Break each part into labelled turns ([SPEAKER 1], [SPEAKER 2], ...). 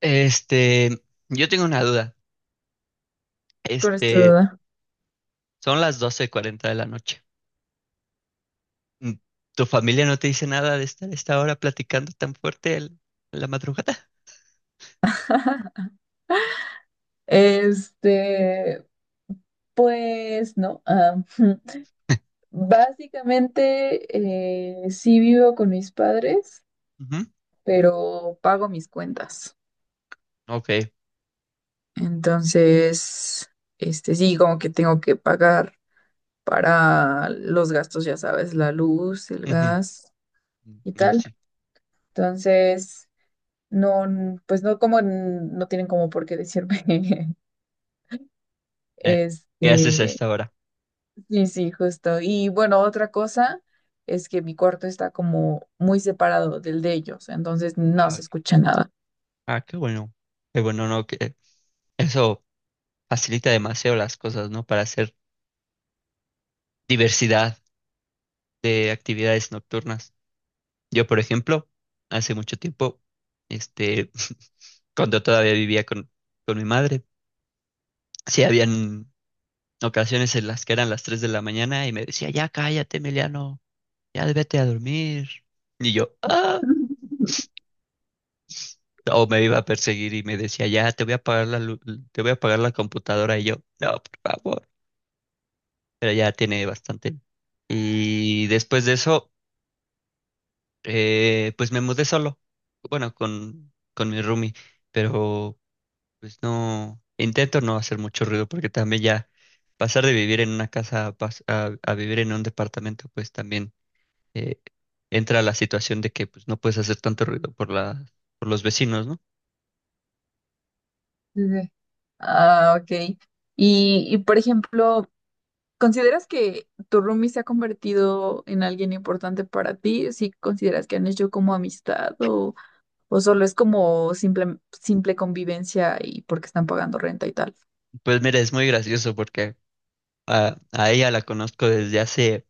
[SPEAKER 1] Este, yo tengo una duda. Este,
[SPEAKER 2] Duda
[SPEAKER 1] son las 12:40 de la noche. Mm, ¿Tu familia no te dice nada de estar a esta hora platicando tan fuerte la madrugada?
[SPEAKER 2] Este, pues no. Básicamente, sí vivo con mis padres,
[SPEAKER 1] Ujú.
[SPEAKER 2] pero pago mis cuentas.
[SPEAKER 1] Ok.
[SPEAKER 2] Entonces, sí, como que tengo que pagar para los gastos, ya sabes, la luz, el
[SPEAKER 1] Ujú.
[SPEAKER 2] gas
[SPEAKER 1] Mm,
[SPEAKER 2] y
[SPEAKER 1] no,
[SPEAKER 2] tal.
[SPEAKER 1] sí.
[SPEAKER 2] Entonces, no, pues no como, no tienen como por qué decirme,
[SPEAKER 1] Eh, ¿qué haces a
[SPEAKER 2] este,
[SPEAKER 1] esta hora?
[SPEAKER 2] Sí, sí, justo. Y bueno, otra cosa es que mi cuarto está como muy separado del de ellos, entonces no
[SPEAKER 1] Ah,
[SPEAKER 2] se
[SPEAKER 1] ok.
[SPEAKER 2] escucha nada.
[SPEAKER 1] Ah, qué bueno. Qué bueno, ¿no? Que eso facilita demasiado las cosas, ¿no? Para hacer diversidad de actividades nocturnas. Yo, por ejemplo, hace mucho tiempo, este, cuando todavía vivía con mi madre. Sí, habían ocasiones en las que eran las 3 de la mañana y me decía, ya cállate, Emiliano, ya vete a dormir. Y yo, ah, o me iba a perseguir y me decía, ya te voy a apagar te voy a apagar la computadora. Y yo, no, por favor. Pero ya tiene bastante. Y después de eso, pues me mudé solo. Bueno, con mi roomie, pero pues no, intento no hacer mucho ruido porque también ya pasar de vivir en una casa a, pas- a vivir en un departamento, pues también eh, entra la situación de que pues, no puedes hacer tanto ruido por los vecinos, ¿no?
[SPEAKER 2] Ujú. Ah, ok. Y por ejemplo, ¿consideras que tu roomie se ha convertido en alguien importante para ti? ¿Sí consideras que han hecho como amistad o solo es como simple, simple convivencia y porque están pagando renta y tal?
[SPEAKER 1] Pues mira, es muy gracioso porque a ella la conozco desde hace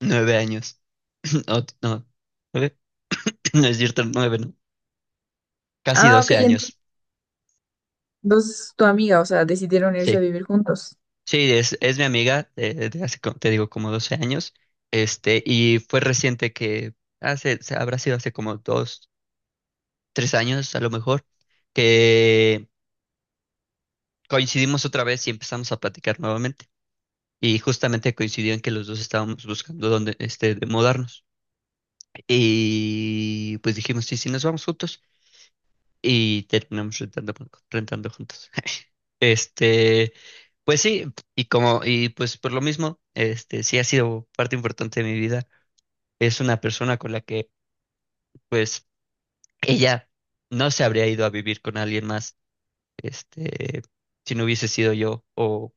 [SPEAKER 1] 9 años. No, no, nueve, no es cierto, nueve, ¿no? Casi
[SPEAKER 2] Ah, ok.
[SPEAKER 1] 12 años.
[SPEAKER 2] Entonces, tu amiga, o sea, decidieron irse a
[SPEAKER 1] Sí,
[SPEAKER 2] vivir juntos.
[SPEAKER 1] sí, es mi amiga desde hace, te digo, como 12 años. Y fue reciente que hace, habrá sido hace como 2, 3 años a lo mejor, que coincidimos otra vez y empezamos a platicar nuevamente. Y justamente coincidió en que los dos estábamos buscando dónde, de mudarnos. Y pues dijimos, sí, sí, nos vamos juntos. Y terminamos rentando juntos. Este, pues sí, y pues por lo mismo, sí ha sido parte importante de mi vida. Es una persona con la que, pues, ella no se habría ido a vivir con alguien más, este, si no hubiese sido yo, o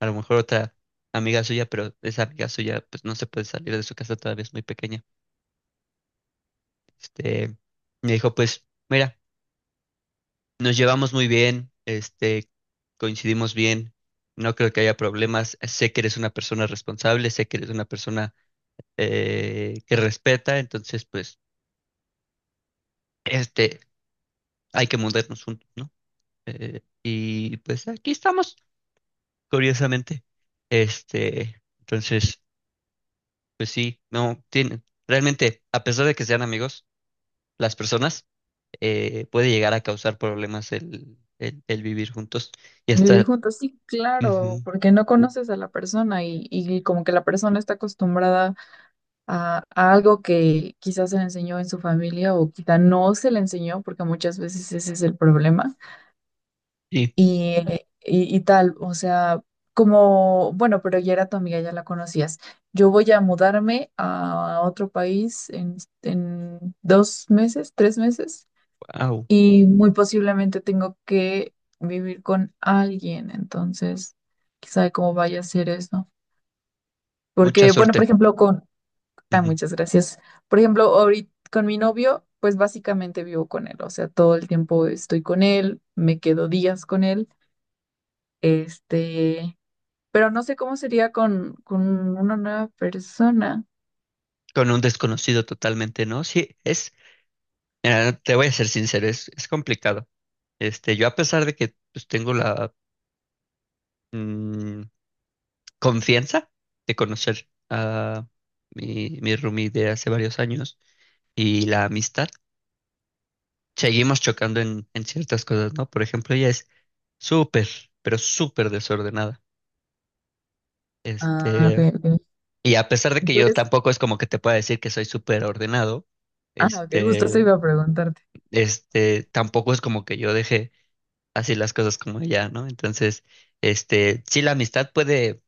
[SPEAKER 1] a lo mejor otra amiga suya, pero esa amiga suya, pues no se puede salir de su casa, todavía es muy pequeña. Este, me dijo, pues, mira, nos llevamos muy bien, coincidimos bien, no creo que haya problemas, sé que eres una persona responsable, sé que eres una persona que respeta, entonces, pues, este, hay que mudarnos juntos, ¿no? Y pues aquí estamos, curiosamente. Entonces, pues sí, no, tienen, realmente, a pesar de que sean amigos, las personas puede llegar a causar problemas el vivir juntos y
[SPEAKER 2] Vivir
[SPEAKER 1] hasta.
[SPEAKER 2] juntos, sí, claro,
[SPEAKER 1] Ujú.
[SPEAKER 2] porque no conoces a la persona y como que la persona está acostumbrada a algo que quizás se le enseñó en su familia o quizá no se le enseñó, porque muchas veces ese es el problema.
[SPEAKER 1] Sí.
[SPEAKER 2] Y, y tal, o sea, como, bueno, pero ya era tu amiga, ya la conocías. Yo voy a mudarme a otro país en dos meses, tres meses
[SPEAKER 1] Wow,
[SPEAKER 2] y muy posiblemente tengo que vivir con alguien, entonces, quién sabe cómo vaya a ser eso.
[SPEAKER 1] mucha
[SPEAKER 2] Porque, bueno, por
[SPEAKER 1] suerte.
[SPEAKER 2] ejemplo, con... Ah,
[SPEAKER 1] Ujú.
[SPEAKER 2] muchas gracias. Por ejemplo, ahorita con mi novio, pues básicamente vivo con él, o sea, todo el tiempo estoy con él, me quedo días con él, este, pero no sé cómo sería con una nueva persona.
[SPEAKER 1] Con un desconocido totalmente, ¿no? Sí, es, mira, no, te voy a ser sincero, es complicado. Yo a pesar de que pues, tengo la mm, confianza de conocer a mi roomie de hace varios años y la amistad, seguimos chocando en ciertas cosas, ¿no? Por ejemplo, ella es súper, pero súper desordenada.
[SPEAKER 2] Ah, ok,
[SPEAKER 1] Este,
[SPEAKER 2] ok.
[SPEAKER 1] y a pesar de que
[SPEAKER 2] Tú
[SPEAKER 1] yo
[SPEAKER 2] eres...
[SPEAKER 1] tampoco es como que te pueda decir que soy súper ordenado,
[SPEAKER 2] Ah, ok, justo eso
[SPEAKER 1] este,
[SPEAKER 2] iba a preguntar.
[SPEAKER 1] tampoco es como que yo deje así las cosas como ya, ¿no? Entonces, sí, la amistad puede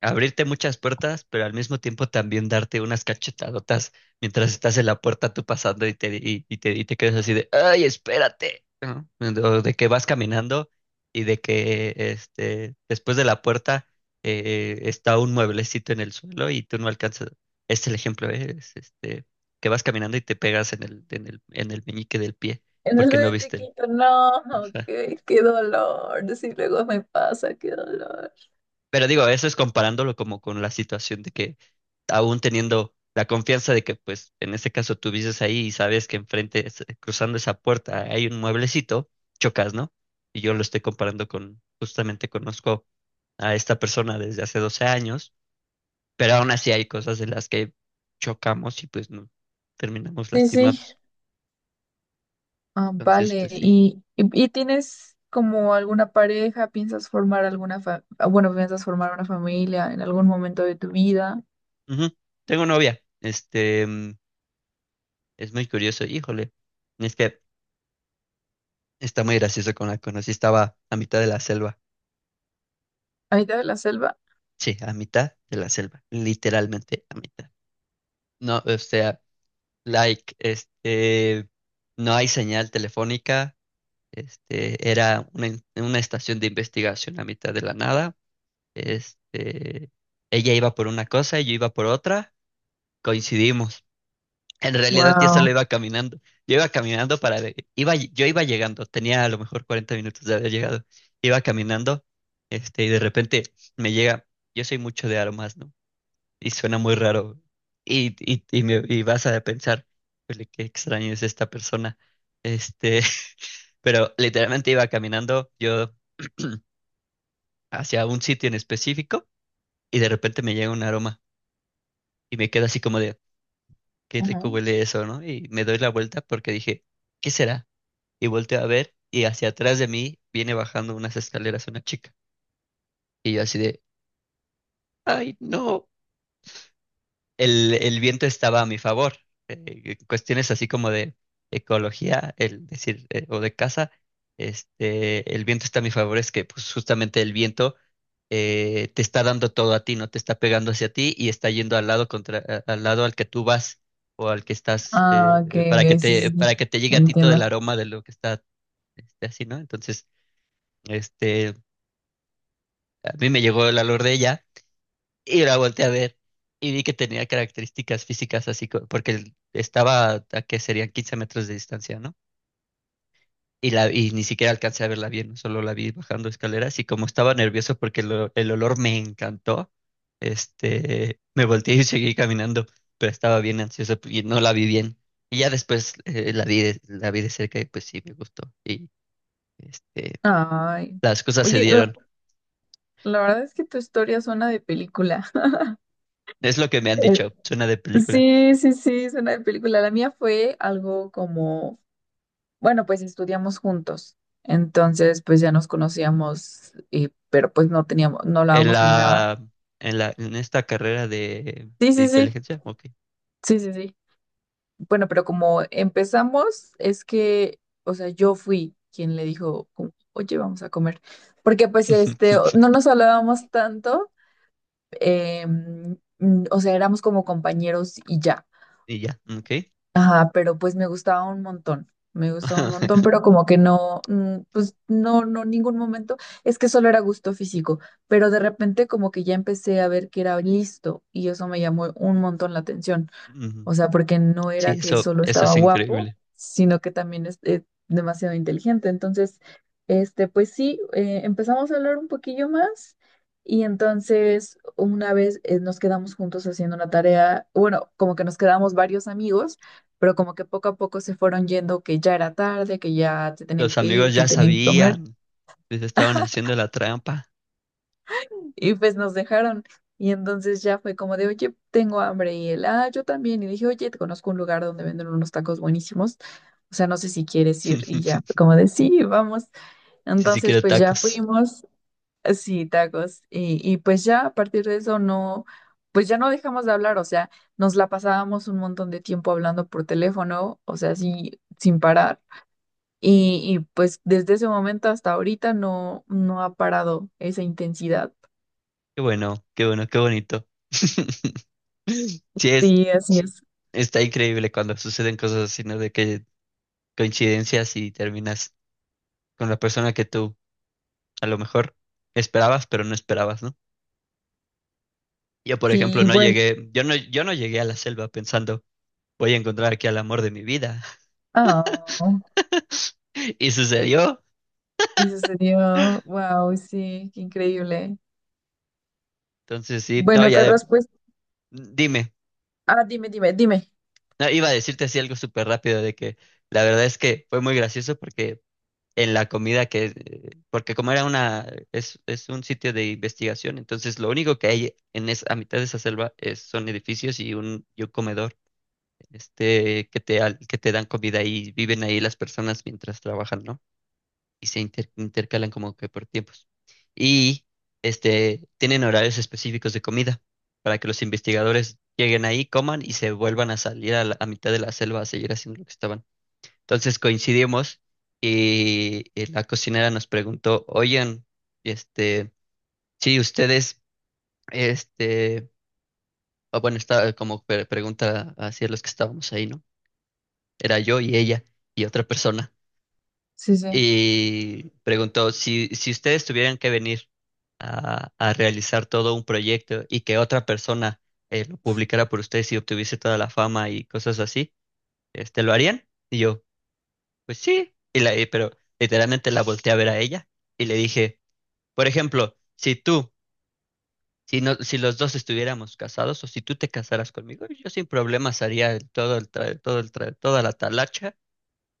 [SPEAKER 1] abrirte muchas puertas, pero al mismo tiempo también darte unas cachetadotas mientras estás en la puerta tú pasando y te quedas así de, ay, espérate, ¿no? O de que vas caminando y de que después de la puerta está un mueblecito en el suelo y tú no alcanzas. Este es el ejemplo, ¿eh? Es, que vas caminando y te pegas en el meñique del pie porque no
[SPEAKER 2] Entonces,
[SPEAKER 1] viste el.
[SPEAKER 2] chiquito, no, qué, qué dolor. Si luego me pasa, qué dolor.
[SPEAKER 1] Pero digo, eso es comparándolo como con la situación de que aún teniendo la confianza de que, pues, en este caso tú vives ahí y sabes que enfrente, cruzando esa puerta, hay un mueblecito, chocas, ¿no? Y yo lo estoy comparando con, justamente conozco a esta persona desde hace 12 años, pero aún así hay cosas de las que chocamos y pues no, terminamos
[SPEAKER 2] Sí, sí.
[SPEAKER 1] lastimados.
[SPEAKER 2] Ah,
[SPEAKER 1] Entonces,
[SPEAKER 2] vale.
[SPEAKER 1] pues sí.
[SPEAKER 2] ¿Y tienes como alguna pareja? ¿Piensas formar alguna fa- ah, bueno, piensas formar una familia en algún momento de tu vida?
[SPEAKER 1] Ujú. Tengo novia, es muy curioso, híjole, es que está muy gracioso con la conocí. Estaba a mitad de la selva.
[SPEAKER 2] ¿A mitad de la selva?
[SPEAKER 1] Sí, a mitad de la selva. Literalmente a mitad. No, o sea, like, no hay señal telefónica. Era una estación de investigación a mitad de la nada. Este, ella iba por una cosa y yo iba por otra. Coincidimos. En realidad yo solo
[SPEAKER 2] Wow.
[SPEAKER 1] iba caminando. Yo iba caminando para... Yo iba llegando, tenía a lo mejor 40 minutos de haber llegado. Iba caminando, y de repente me llega... Yo soy mucho de aromas, ¿no? Y suena muy raro. Y vas a pensar, "Híjole, qué extraño es esta persona. Este, pero literalmente iba caminando yo hacia un sitio en específico y de repente me llega un aroma y me queda así como de, qué
[SPEAKER 2] Ajá.
[SPEAKER 1] rico huele eso, ¿no? Y me doy la vuelta porque dije, ¿qué será? Y volteo a ver y hacia atrás de mí viene bajando unas escaleras una chica. Y yo así de, ay, no, el viento estaba a mi favor. Cuestiones así como de ecología, el decir, o de casa, el viento está a mi favor, es que pues justamente el viento te está dando todo a ti, no te está pegando hacia ti y está yendo al lado contra, al lado al que tú vas o al que estás,
[SPEAKER 2] Ah, ok,
[SPEAKER 1] para que
[SPEAKER 2] ok, sí,
[SPEAKER 1] te,
[SPEAKER 2] sí, sí.
[SPEAKER 1] para que te llegue a ti todo el
[SPEAKER 2] Entiendo.
[SPEAKER 1] aroma de lo que está, así, ¿no? Entonces, este, a mí me llegó el valor de ella y la volteé a ver y vi que tenía características físicas así, porque estaba a que serían 15 metros de distancia, ¿no? Y ni siquiera alcancé a verla bien, solo la vi bajando escaleras y como estaba nervioso porque el olor me encantó, me volteé y seguí caminando, pero estaba bien ansioso y no la vi bien. Y ya después la vi de cerca y pues sí, me gustó. Y este,
[SPEAKER 2] Ay.
[SPEAKER 1] las cosas se
[SPEAKER 2] Oye,
[SPEAKER 1] dieron.
[SPEAKER 2] la verdad es que tu historia suena de película.
[SPEAKER 1] Es lo que me han
[SPEAKER 2] Eh,
[SPEAKER 1] dicho, suena de película.
[SPEAKER 2] Sí, sí, sí, suena de película. La mía fue algo como: bueno, pues estudiamos juntos. Entonces, pues ya nos conocíamos, pero pues no teníamos, no
[SPEAKER 1] En
[SPEAKER 2] hablábamos ni nada.
[SPEAKER 1] la, en esta carrera de,
[SPEAKER 2] Sí,
[SPEAKER 1] de
[SPEAKER 2] sí, sí,
[SPEAKER 1] inteligencia, ok.
[SPEAKER 2] sí, sí, sí. Bueno, pero como empezamos, es que, o sea, yo fui quien le dijo, como, oye, vamos a comer. Porque pues este, o- no nos hablábamos tanto, o sea, éramos como compañeros y ya.
[SPEAKER 1] Y ya, ok.
[SPEAKER 2] Ajá, pero pues me gustaba un montón, me gustaba un montón, pero como que no, pues no, no, ningún momento, es que solo era gusto físico, pero de repente como que ya empecé a ver que era listo y eso me llamó un montón la atención.
[SPEAKER 1] Ujú.
[SPEAKER 2] O sea, porque no
[SPEAKER 1] Sí,
[SPEAKER 2] era que
[SPEAKER 1] eso,
[SPEAKER 2] solo
[SPEAKER 1] eso
[SPEAKER 2] estaba
[SPEAKER 1] es
[SPEAKER 2] guapo,
[SPEAKER 1] increíble.
[SPEAKER 2] sino que también es, demasiado inteligente. Entonces, pues sí, empezamos a hablar un poquillo más y entonces una vez nos quedamos juntos haciendo una tarea, bueno, como que nos quedamos varios amigos, pero como que poco a poco se fueron yendo que ya era tarde, que ya se tenían
[SPEAKER 1] Los
[SPEAKER 2] que ir,
[SPEAKER 1] amigos
[SPEAKER 2] que
[SPEAKER 1] ya
[SPEAKER 2] tenían que comer.
[SPEAKER 1] sabían, les estaban haciendo la trampa.
[SPEAKER 2] Y pues nos dejaron. Y entonces ya fue como de, oye, tengo hambre. Y él, ah, yo también. Y dije, oye, te conozco un lugar donde venden unos tacos buenísimos. O sea, no sé si quieres ir. Y ya fue como de, sí, vamos.
[SPEAKER 1] Sí, sí
[SPEAKER 2] Entonces,
[SPEAKER 1] quiero
[SPEAKER 2] pues ya
[SPEAKER 1] tacos.
[SPEAKER 2] fuimos. Sí, tacos. Y pues ya a partir de eso no, pues ya no dejamos de hablar. O sea, nos la pasábamos un montón de tiempo hablando por teléfono. O sea, sí sin parar. Y pues desde ese momento hasta ahorita no, no ha parado esa intensidad.
[SPEAKER 1] Qué bueno, qué bueno, qué bonito. Sí, es,
[SPEAKER 2] Sí, así es.
[SPEAKER 1] está increíble cuando suceden cosas así, ¿no? De que coincidencias y terminas con la persona que tú a lo mejor esperabas, pero no esperabas, ¿no? Yo, por ejemplo,
[SPEAKER 2] Sí,
[SPEAKER 1] no
[SPEAKER 2] bueno,
[SPEAKER 1] llegué, yo no, yo no llegué a la selva pensando, voy a encontrar aquí al amor de mi vida.
[SPEAKER 2] ah,
[SPEAKER 1] Y sucedió.
[SPEAKER 2] eso sería, wow, sí, qué increíble.
[SPEAKER 1] Entonces, sí, no,
[SPEAKER 2] Bueno, Carlos, pues,
[SPEAKER 1] dime,
[SPEAKER 2] ah, dime, dime, dime.
[SPEAKER 1] no, iba a decirte así algo súper rápido de que la verdad es que fue muy gracioso porque en la comida que, porque como era es un sitio de investigación, entonces lo único que hay a mitad de esa selva es, son edificios y un comedor, que te, que te dan comida y viven ahí las personas mientras trabajan, ¿no? Y se intercalan como que por tiempos. Y tienen horarios específicos de comida para que los investigadores lleguen ahí, coman y se vuelvan a salir a mitad de la selva a seguir haciendo lo que estaban. Entonces coincidimos y la cocinera nos preguntó, oigan, este, si ustedes, este, o bueno, estaba como pregunta hacia los que estábamos ahí, ¿no? Era yo y ella y otra persona.
[SPEAKER 2] Sí, sí,
[SPEAKER 1] Y preguntó si ustedes tuvieran que venir a realizar todo un proyecto y que otra persona lo publicara por ustedes y obtuviese toda la fama y cosas así, ¿lo harían? Y yo, pues sí, pero literalmente la volteé a ver a ella y le dije, por ejemplo, si tú, si, no, si los dos estuviéramos casados o si tú te casaras conmigo, yo sin problemas haría toda la talacha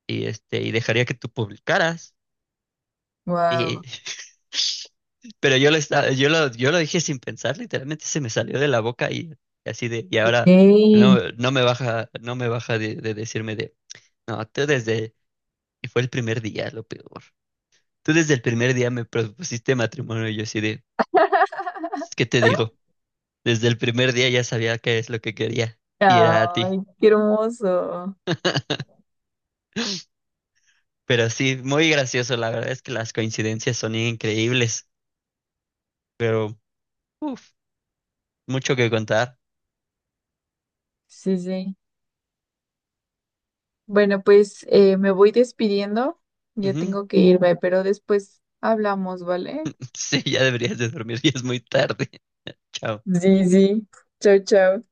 [SPEAKER 1] y, y dejaría que tú publicaras. Y-
[SPEAKER 2] wow,
[SPEAKER 1] Pero yo lo, estaba, yo lo dije sin pensar, literalmente se me salió de la boca y así de, y
[SPEAKER 2] ok,
[SPEAKER 1] ahora no,
[SPEAKER 2] ay,
[SPEAKER 1] no me baja de decirme de, no, tú desde, y fue el primer día lo peor. Tú desde el primer día me propusiste matrimonio y yo así de, ¿qué te digo? Desde el primer día ya sabía qué es lo que quería y era a ti.
[SPEAKER 2] qué hermoso.
[SPEAKER 1] Pero sí, muy gracioso, la verdad es que las coincidencias son increíbles, pero, uff, mucho que contar.
[SPEAKER 2] Sí, sí. Bueno, pues me voy despidiendo, ya
[SPEAKER 1] Ujú.
[SPEAKER 2] tengo que irme, pero después hablamos, ¿vale?
[SPEAKER 1] Sí, ya deberías de dormir, ya es muy tarde. Chao.
[SPEAKER 2] Sí, sí, chao, chao.